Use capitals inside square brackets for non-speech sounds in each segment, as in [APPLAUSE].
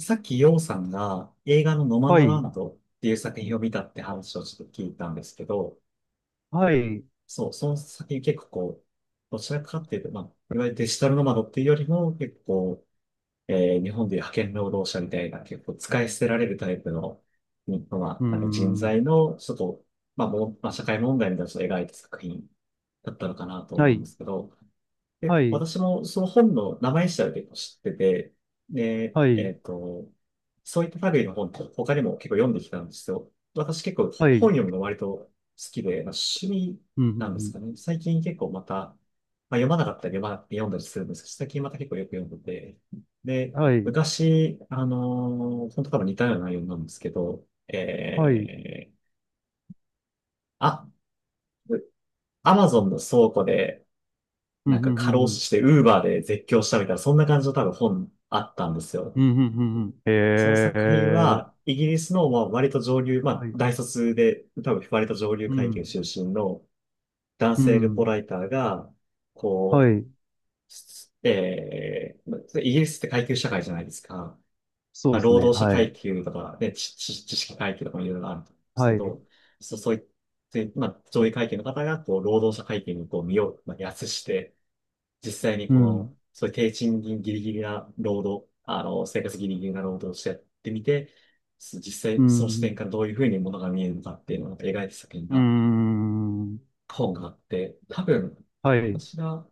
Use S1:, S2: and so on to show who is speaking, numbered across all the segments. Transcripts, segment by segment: S1: さっきヨウさんが映画のノマ
S2: は
S1: ドラ
S2: い、
S1: ンドっていう作品を見たって話をちょっと聞いたんですけど、
S2: はい、う
S1: そう、その作品結構こう、どちらかっていうと、まあ、いわゆるデジタルノマドっていうよりも結構、日本でいう派遣労働者みたいな結構使い捨てられるタイプの、日本
S2: ー
S1: なんか人
S2: ん、
S1: 材の、ちょっと、まあ、もう、まあ、社会問題みたいなのを描いた作品だったのかなと
S2: は
S1: 思うん
S2: い、
S1: ですけど、で、
S2: はい、
S1: 私もその本の名前自体は結構知ってて、で、
S2: はい、
S1: そういった類の本って他にも結構読んできたんですよ。私結構
S2: は
S1: 本
S2: い、
S1: 読むの割と好きで、まあ、趣味
S2: うん、う
S1: なんです
S2: ん
S1: かね。最近結構また、まあ、読まなかったり読まな読んだりするんですけど、最近また結構よく読んでて、で、
S2: うんはい、
S1: 昔、本当多分似たような内容なんですけど、
S2: はい、
S1: あ、アマゾンの倉庫で、
S2: うん、
S1: な
S2: う
S1: んか
S2: ん、う
S1: 過
S2: ん、
S1: 労
S2: うん、
S1: 死してウーバーで絶叫したみたいな、そんな感じの多分本あったんです
S2: う
S1: よ。
S2: ん、うんうんへ
S1: その作品
S2: え、
S1: は、イギリスのまあ割と上流、ま
S2: は
S1: あ
S2: い、
S1: 大卒で、多分割と上流
S2: う
S1: 階
S2: ん、
S1: 級出身の男
S2: う
S1: 性ルポ
S2: ん、
S1: ライターが、
S2: は
S1: こ
S2: い、
S1: う、まあイギリスって階級社会じゃないですか。
S2: そ
S1: ま
S2: う
S1: あ、
S2: です
S1: 労
S2: ね、
S1: 働者
S2: はい、
S1: 階級とか、ね、知識階級とかもいろいろあると思うんです
S2: は
S1: け
S2: い、う
S1: ど、そう、そういって、まあ、上位階級の方が、こう、労働者階級にこう身を、まあ、安して、実際に
S2: ん、
S1: この、そういう低賃金ギリギリな労働、あの、生活ギリギリな労働をしてやってみて、実
S2: う
S1: 際その視点
S2: ん、
S1: からどういうふうにものが見えるのかっていうのをなんか描いた作品
S2: うー
S1: が、
S2: ん、
S1: 本があって、多分、
S2: はい、
S1: 私が、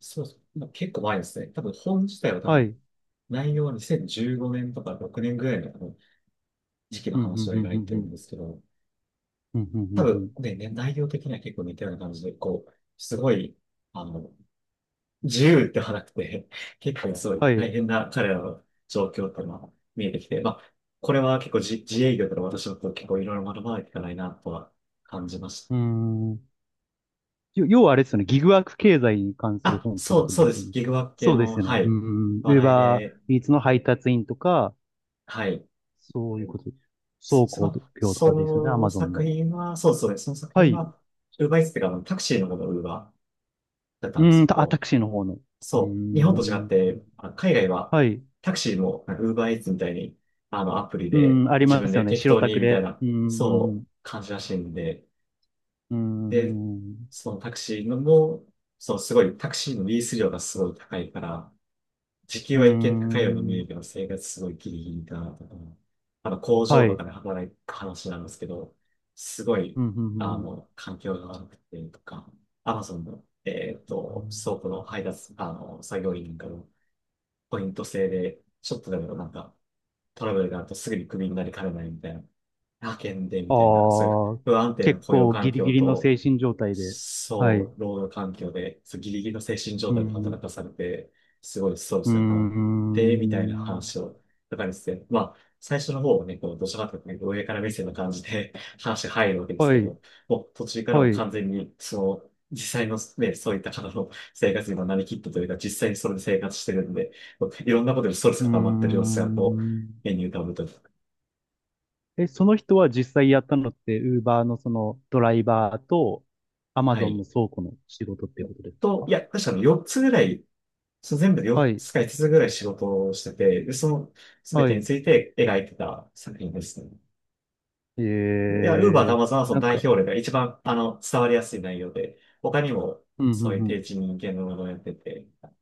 S1: そうそう、まあ結構前ですね。多分本自体は多
S2: は
S1: 分、
S2: い、
S1: 内容は2015年とか6年ぐらいの多分時期の
S2: うん、うん、
S1: 話を
S2: うん、
S1: 描
S2: う
S1: い
S2: ん、
S1: て
S2: う
S1: るん
S2: ん、
S1: ですけど、
S2: うん、うんうん
S1: 多
S2: う
S1: 分
S2: ん
S1: ね、内容的には結構似たような感じで、こう、すごい、あの、自由ってはなくて、結構すごい
S2: はい、
S1: 大
S2: う
S1: 変な彼らの状況っていうのは見えてきて、まあ、これは結構自営業から私のこと結構いろいろ学ばないといけないなとは感じまし
S2: ー
S1: た。
S2: ん、要はあれですよね、ギグワーク経済に関する
S1: あ、
S2: 本ってこ
S1: そう、
S2: と
S1: そ
S2: で
S1: うで
S2: すよ
S1: す。
S2: ね。
S1: ギグワーク系
S2: そうで
S1: の、
S2: すよ
S1: は
S2: ね。う
S1: い、
S2: んうん。
S1: 話
S2: ウー
S1: 題
S2: バ
S1: で、
S2: ーイーツの配達員とか、
S1: はい。
S2: そういうこと倉
S1: ま
S2: 庫
S1: あ
S2: 業と
S1: そ
S2: かですよね、ア
S1: の
S2: マゾン
S1: 作
S2: の。
S1: 品は、そうそうです。その作
S2: は
S1: 品
S2: い。
S1: は、ウーバーイーツっていうか、あのタクシーのことウーバーだったんで
S2: う
S1: す
S2: ん、
S1: け
S2: タ
S1: ど、
S2: クシーの方の。うー
S1: そう、日本と違っ
S2: ん。
S1: て、海外は
S2: はい。
S1: タクシーもなんか Uber Eats みたいに、あの、アプリ
S2: う
S1: で
S2: ん、あり
S1: 自
S2: ま
S1: 分
S2: すよ
S1: で
S2: ね。
S1: 適
S2: 白
S1: 当
S2: タ
S1: に
S2: ク
S1: みたい
S2: で。
S1: な、
S2: うん、う
S1: そう、
S2: ん、
S1: 感じらしいんで、
S2: う
S1: で、
S2: ん、
S1: そのタクシーのも、そう、すごい、タクシーのリース料がすごい高いから、時給
S2: う
S1: は一見高いように
S2: ん。
S1: 見
S2: う
S1: え
S2: ん
S1: るけど、生活すごいギリギリだなとか、あの、工場
S2: は
S1: と
S2: い。
S1: かで働く話なんですけど、すごい、
S2: うん、う
S1: あ
S2: ん、
S1: の、環境が悪くてとか、Amazon の、
S2: うん。
S1: 倉庫の配達、あの、作業員なんかの、ポイント制で、ちょっとでもなんか、トラブルがあるとすぐにクビになりかねないみたいな、派遣でみ
S2: ああ
S1: たいな、そういう
S2: ー、
S1: 不安定な
S2: 結
S1: 雇用
S2: 構
S1: 環
S2: ギリ
S1: 境
S2: ギリの
S1: と、
S2: 精神状態で。はい。
S1: そう、労働環境で、そうギリギリの精神状
S2: う
S1: 態で働
S2: ん。
S1: かされて、すごいストレ
S2: う
S1: ス
S2: ー
S1: が溜まって、みたいな
S2: ん。
S1: 話を、とかですね。まあ、最初の方はね、こう、どちらかというとね、上から目線の感じで [LAUGHS] 話が入るわけです
S2: は
S1: け
S2: い、
S1: ど、もう途中から
S2: は
S1: も
S2: い。う
S1: 完全に、その、実際のね、そういった方の生活にもなりきったというか、実際にそれで生活してるんで、こういろんなことでストレス
S2: ー
S1: が溜まってる様子が、こう、
S2: ん。
S1: 目に浮かぶと。
S2: え、その人は実際やったのって、ウーバーのそのドライバーと、アマ
S1: は
S2: ゾン
S1: い。
S2: の倉庫の仕事っていうことです
S1: と、い
S2: か。
S1: や、確かに4つぐらいそう、全部で
S2: は
S1: 4
S2: い、
S1: つか5つぐらい仕事をしてて、で、その全
S2: は
S1: てに
S2: い。
S1: ついて描いてた作品ですね。
S2: え
S1: いや、ウーバーとア
S2: ー、
S1: マゾンはその
S2: なん
S1: 代
S2: か、
S1: 表例が一番、あの、伝わりやすい内容で、他にも
S2: うん、う
S1: そうい
S2: ん、
S1: う
S2: う
S1: 低
S2: ん。
S1: 知人間のものをやってて、っ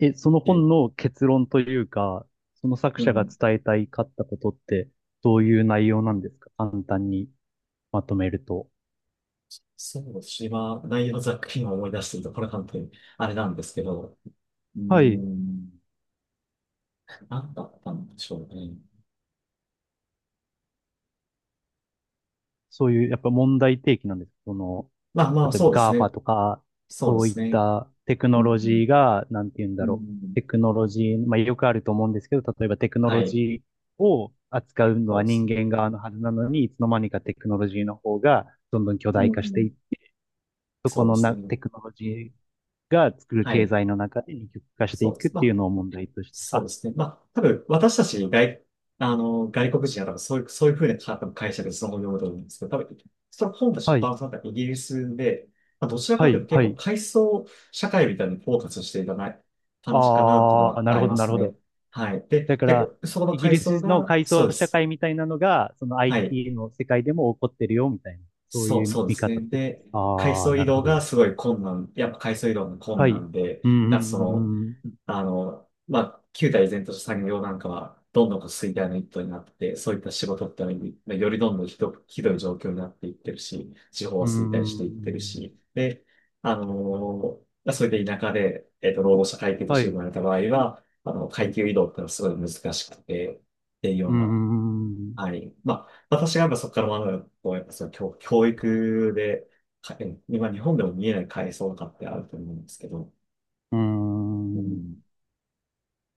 S2: え、その
S1: ていう、
S2: 本の結論というか、その作
S1: う
S2: 者が
S1: ん、
S2: 伝えたいかったことって、どういう内容なんですか、簡単にまとめると。
S1: そうですし、今、内容ざっくり今思い出してると、これ本当にあれなんですけど、うー
S2: はい。
S1: ん、なんだったんでしょうね。
S2: そういう、やっぱ問題提起なんです。その、
S1: まあまあ、
S2: 例えば
S1: そうですね。
S2: GAFA とか、
S1: そうで
S2: そうい
S1: す
S2: っ
S1: ね。
S2: たテク
S1: う
S2: ノ
S1: ん、
S2: ロジーが、なんて言うん
S1: う
S2: だろう。
S1: ん、
S2: テクノロジー、まあよくあると思うんですけど、例えばテクノ
S1: は
S2: ロ
S1: い、
S2: ジーを扱うの
S1: そう
S2: は
S1: です
S2: 人
S1: ね。
S2: 間側のはずなのに、いつの間にかテクノロジーの方がどんどん巨
S1: う
S2: 大化して
S1: ん、
S2: いっそこ
S1: そうで
S2: の
S1: す
S2: な、
S1: ね。
S2: テクノロジーが作る
S1: は
S2: 経
S1: い。
S2: 済の中で二極化して
S1: そ
S2: い
S1: うで
S2: くっ
S1: す。ま
S2: ていうの
S1: あ、
S2: を問題として。
S1: そうで
S2: あ、
S1: すね。まあ、多分、私たち外、あの、外国人は多分そういう、そういうふうな多分解釈でそのようだと思うんですけど、多分、その本たちの
S2: は
S1: バ
S2: い、
S1: ランスだったイギリスで、まあ、どちら
S2: は
S1: かという
S2: い、
S1: と結
S2: は
S1: 構
S2: い。
S1: 階層社会みたいにフォーカスしていかない感じかなっていうの
S2: あー、
S1: は
S2: な
S1: あ
S2: る
S1: り
S2: ほど、
S1: ま
S2: なる
S1: す
S2: ほ
S1: ね。
S2: ど。
S1: はい。で、
S2: だか
S1: 結
S2: ら、
S1: 構、そこの
S2: イギ
S1: 階
S2: リ
S1: 層
S2: スの
S1: が、
S2: 階
S1: そう
S2: 層
S1: で
S2: 社
S1: す。
S2: 会みたいなのが、その
S1: はい。
S2: IT の世界でも起こってるよ、みたいな。そう
S1: そう、
S2: いう
S1: そうで
S2: 見
S1: すね。
S2: 方って。
S1: で、階
S2: ああ、
S1: 層
S2: な
S1: 移
S2: るほ
S1: 動が
S2: ど。
S1: すごい困難、やっぱ階層移動の困
S2: はい。
S1: 難で、だ
S2: うん、う
S1: からその、
S2: ん、うん、
S1: あの、まあ、旧態依然とした産業なんかは、どんどんこう衰退の一途になって、そういった仕事ってのはよりどんどんひどく、ひどい状況になっていってるし、地方は
S2: う
S1: 衰退していってる
S2: ん。
S1: し、で、あのーそれで田舎で、労働者階級とし
S2: は
S1: て生
S2: い。
S1: まれた場合は、あの、階級移動ってのはすごい難しくて、っていうよ
S2: う
S1: うな、
S2: ん、
S1: はい。まあ、私がやっぱそこから学ぶのはこう、やっぱその教育で、かえ今日本でも見えない階層とかってあると思うんですけど、
S2: う
S1: う
S2: ん。
S1: ん。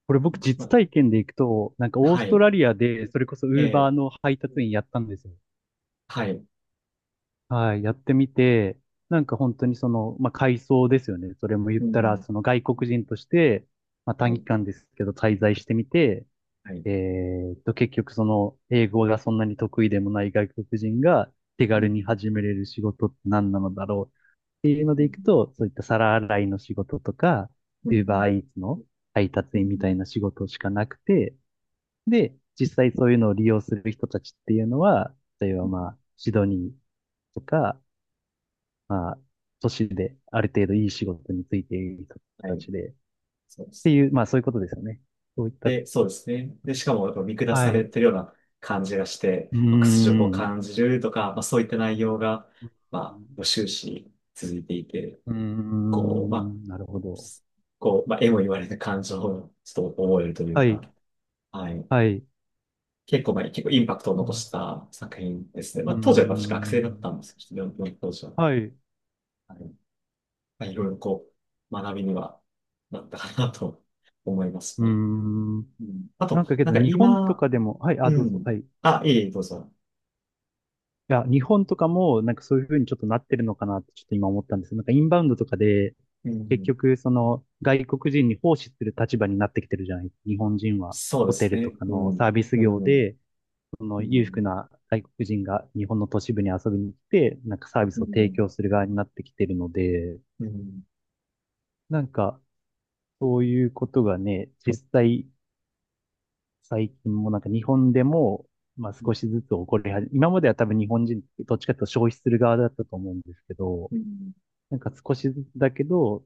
S2: これ僕
S1: ま
S2: 実
S1: あ
S2: 体験で行くと、なんかオー
S1: は
S2: スト
S1: い。
S2: ラリアで、それこそウ
S1: え
S2: ーバ
S1: え、
S2: ーの配達員やったんですよ。
S1: はい。
S2: はい、やってみて、なんか本当にその、まあ、改装ですよね。それも言っ
S1: う
S2: たら、
S1: ん。
S2: その外国人として、まあ、
S1: は
S2: 短
S1: い。
S2: 期間ですけど滞在してみて、
S1: はい。
S2: え結局その、英語がそんなに得意でもない外国人が手
S1: う
S2: 軽
S1: ん。
S2: に始めれる仕事って何なのだろうっていうの
S1: う
S2: で
S1: ん。
S2: いくと、そういった皿洗いの仕事とか、
S1: う
S2: Uber
S1: ん。
S2: Eats の配達
S1: う
S2: 員みたい
S1: ん。
S2: な仕事しかなくて、で、実際そういうのを利用する人たちっていうのは、例え
S1: う
S2: ば
S1: ん
S2: まあ、シドニーとか、まあ、都市である程度いい仕事についている人
S1: は
S2: た
S1: い。
S2: ちで、っ
S1: そうで
S2: て
S1: す。
S2: いう、まあそういうことですよね。そういった、
S1: で、そうですね。で、しかも、やっぱ見下さ
S2: はい。
S1: れ
S2: う
S1: てるような感じがして、
S2: ー
S1: まあ、屈辱を
S2: ん、
S1: 感じるとか、まあ、そういった内容が、まあ、終始続いていて、
S2: うー
S1: こう、ま
S2: ん、な
S1: あ、
S2: るほど。
S1: こう、まあ、絵も言われた感情をちょっと覚えるという
S2: は
S1: か、
S2: い。
S1: はい。
S2: はい。
S1: 結構、まあ、結構インパクトを
S2: う
S1: 残
S2: ん。
S1: した作品ですね。
S2: う
S1: ま
S2: ー
S1: あ、当時は私学生だっ
S2: ん、
S1: たんですけど、読んだ当時は。
S2: はい。う
S1: はい。まあ、いろいろこう、学びにはなったかなと思います
S2: ー
S1: ね。
S2: ん。
S1: うん、あ
S2: なん
S1: と、
S2: かけ
S1: なん
S2: ど
S1: か
S2: 日本と
S1: 今、
S2: かでも、はい、あ、
S1: う
S2: どうぞ。
S1: ん。
S2: はい。
S1: あ、いえいえ、どうぞ。
S2: いや、日本とかも、なんかそういうふうにちょっとなってるのかなってちょっと今思ったんですよ。なんかインバウンドとかで、
S1: う
S2: 結
S1: ん。
S2: 局、その、外国人に奉仕する立場になってきてるじゃない。日本人は、
S1: そうで
S2: ホテ
S1: す
S2: ルと
S1: ね。
S2: か
S1: う
S2: のサ
S1: ん。
S2: ービス
S1: う
S2: 業
S1: ん。
S2: で、その
S1: う
S2: 裕福
S1: ん。
S2: な外国人が日本の都市部に遊びに来て、なんかサービ
S1: う
S2: スを提
S1: ん。
S2: 供する側になってきてるので、
S1: うん。
S2: なんか、そういうことがね、実際、最近もなんか日本でも、まあ少しずつ起こり始め、今までは多分日本人、どっちかというと消費する側だったと思うんですけど、
S1: うん。
S2: なんか少しだけど、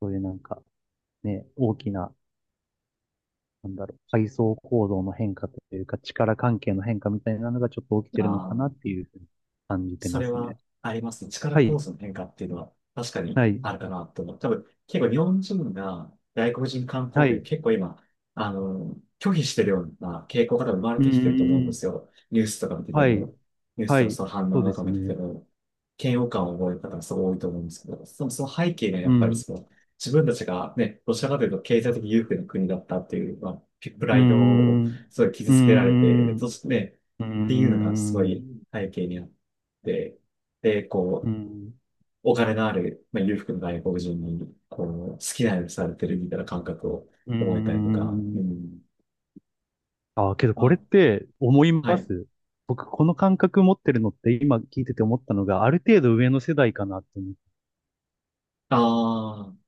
S2: そういうなんかね、大きな、なんだろう、階層構造の変化というか、力関係の変化みたいなのがちょっと起きて
S1: あ
S2: るのかなっ
S1: あ。
S2: ていうふうに感じて
S1: そ
S2: ま
S1: れ
S2: すね。
S1: はありますね。力
S2: は
S1: 構
S2: い、
S1: 造の変化っていうのは確かに
S2: はい、
S1: あるかなと思う。多分、結構日本人が外国人観
S2: は
S1: 光客
S2: い、
S1: 結構今、あの、拒否してるような傾向が多分生まれ
S2: う
S1: てきてると思うん
S2: ー
S1: です
S2: ん、
S1: よ。ニュースとか見てて
S2: はい、
S1: も、ニュース
S2: は
S1: とか
S2: い、
S1: その反応
S2: そう
S1: と
S2: で
S1: か
S2: す
S1: 見てて
S2: ね。
S1: も、嫌悪感を覚える方がすごい多いと思うんですけど、その、その背景にはや
S2: う
S1: っぱり
S2: ん、
S1: その、自分たちがね、どちらかというと経
S2: う
S1: 済的
S2: ん、
S1: 優勢の国だったっていう、まあ、プ
S2: う
S1: ラ
S2: ー
S1: イドを
S2: ん、う
S1: すごい傷
S2: ー
S1: つけられて、で
S2: ん、
S1: そしてね、
S2: うー
S1: っていうのがすごい
S2: ん、
S1: 背景にあってで、で、
S2: う
S1: こ
S2: ーん、
S1: う、
S2: うーん、
S1: お金のある、まあ、裕福な外国人に、こう、好きなようにされてるみたいな感覚を
S2: うー
S1: 覚えたりとか、う
S2: ん。
S1: ん。
S2: ああ、けどこれっ
S1: ま
S2: て思い
S1: あ、は
S2: ま
S1: い。
S2: す。僕、この感覚持ってるのって今聞いてて思ったのが、ある程度上の世代かなって思う。
S1: ああ、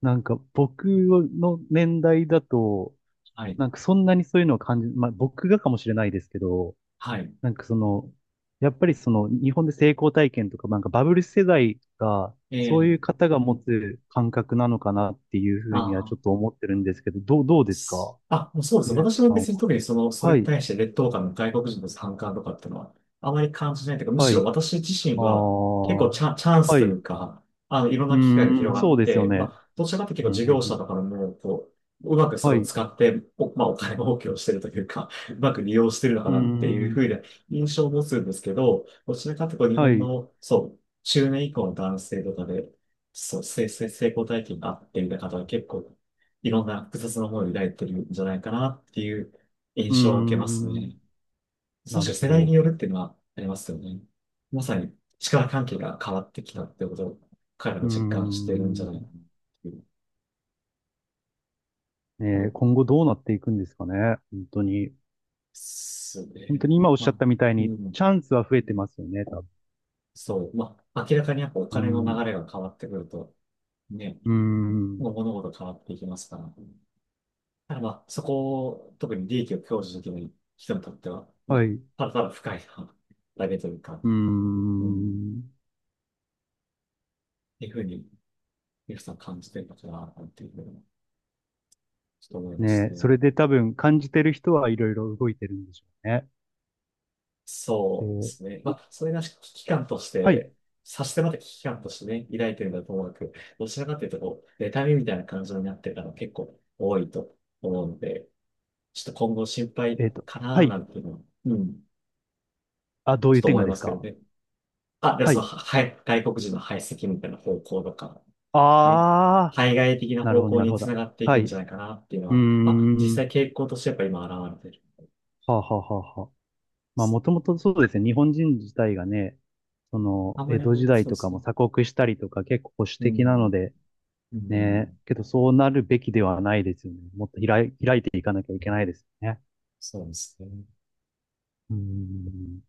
S2: なんか僕の年代だと、
S1: はい。
S2: なんかそんなにそういうのを感じ、まあ僕がかもしれないですけど、
S1: はい。
S2: なんかその、やっぱりその日本で成功体験とか、なんかバブル世代が、そう
S1: え
S2: い
S1: え
S2: う方が持つ感覚なのかなっていうふ
S1: あ
S2: うには
S1: あ
S2: ちょ
S1: ー。
S2: っと思ってるんですけど、どうですか
S1: あ、もうそうです。
S2: ゆうき
S1: 私も
S2: さんは。
S1: 別に特にその、それ
S2: は
S1: に
S2: い、
S1: 対して劣等感の外国人の反感とかっていうのは、あまり感じないというか、む
S2: は
S1: しろ
S2: い、
S1: 私自身
S2: ああ、
S1: は結構チャンス
S2: は
S1: とい
S2: い。
S1: うか、あの、いろん
S2: う
S1: な機会が
S2: ー
S1: 広
S2: ん、
S1: が
S2: そう
S1: っ
S2: ですよ
S1: て、ま
S2: ね。
S1: あ、どちらかというと
S2: う
S1: 結構
S2: ん、
S1: 事
S2: うん、
S1: 業
S2: うん。
S1: 者とかでも、こう、うまくそれ
S2: は
S1: を
S2: い。う
S1: 使って、お、まあ、お金儲けをしてるというか、うまく利用してるのか
S2: ー
S1: なっていうふう
S2: ん、
S1: な印象を持つんですけど、どちらかというと日
S2: は
S1: 本
S2: い。う
S1: の、そう、中年以降の男性とかで、そう、成功体験があってみたいな方が結構いろんな複雑な思いを抱いてるんじゃないかなっていう
S2: ー
S1: 印象を受けますね。
S2: ん、な
S1: 確か
S2: る
S1: に
S2: ほ
S1: 世代に
S2: ど。
S1: よるっていうのはありますよね。まさに力関係が変わってきたってことを彼ら
S2: う
S1: も
S2: ー
S1: 実感してるんじゃ
S2: ん、
S1: ないかなっていう。そ
S2: ね
S1: う
S2: え、
S1: で
S2: 今後どうなっていくんですかね。本当に。
S1: す
S2: 本
S1: ね。
S2: 当に今おっし
S1: ま
S2: ゃっ
S1: あ、
S2: たみたい
S1: う
S2: に、
S1: ん、
S2: チャンスは増えてますよね、多
S1: そう。まあ、明らかにやっぱお金の
S2: 分。
S1: 流れが変わってくると、ね、
S2: うーん、うー
S1: もう
S2: ん、
S1: 物事変わっていきますから。ただまあ、そこを、特に利益を享受できない人にとっては、ま
S2: はい。う
S1: あ、ただただ不快なだけというか、
S2: ー
S1: うん
S2: ん、
S1: いうふうに、皆さん感じてるのかな、なんていうふうに、ちょっと思います
S2: ねえ、そ
S1: ね。
S2: れで多分感じてる人はいろいろ動いてるんでしょうね。
S1: そうで
S2: で、
S1: すね。まあ、それが危機感とし
S2: はい。
S1: て、差し迫った危機感としてね、抱いてるのはともなく、どちらかというと、こう、妬みみたいな感情になってる方が結構多いと思うので、ちょっと今後心配
S2: えっと、
S1: か
S2: は
S1: な、
S2: い。
S1: なんていうのは、うん、
S2: あ、どう
S1: ちょ
S2: い
S1: っ
S2: う
S1: と
S2: 点
S1: 思
S2: が
S1: い
S2: で
S1: ま
S2: す
S1: すけど
S2: か。
S1: ね。あ、で、
S2: は
S1: その、
S2: い。
S1: は、はい外国人の排斥みたいな方向とか、ね、
S2: ああ、
S1: 対外的な
S2: なる
S1: 方
S2: ほど、
S1: 向
S2: なる
S1: に
S2: ほ
S1: つな
S2: ど。
S1: がってい
S2: は
S1: く
S2: い。
S1: んじ
S2: う
S1: ゃないかなっていうの
S2: ー
S1: は、まあ、実
S2: ん。
S1: 際傾向としてやっぱ今現れてる。
S2: はあ、はあはあはあ。まあ、もともとそうですね。日本人自体がね、そ
S1: あ
S2: の、
S1: ま
S2: 江
S1: り
S2: 戸時
S1: も、
S2: 代
S1: そう
S2: と
S1: で
S2: か
S1: す
S2: も
S1: ね。
S2: 鎖国したりとか結構保守
S1: う
S2: 的なの
S1: ん、
S2: で、
S1: う
S2: ね、
S1: ん、
S2: けどそうなるべきではないですよね。もっと開い、開いていかなきゃいけないですよね。
S1: そうですね。
S2: うーん。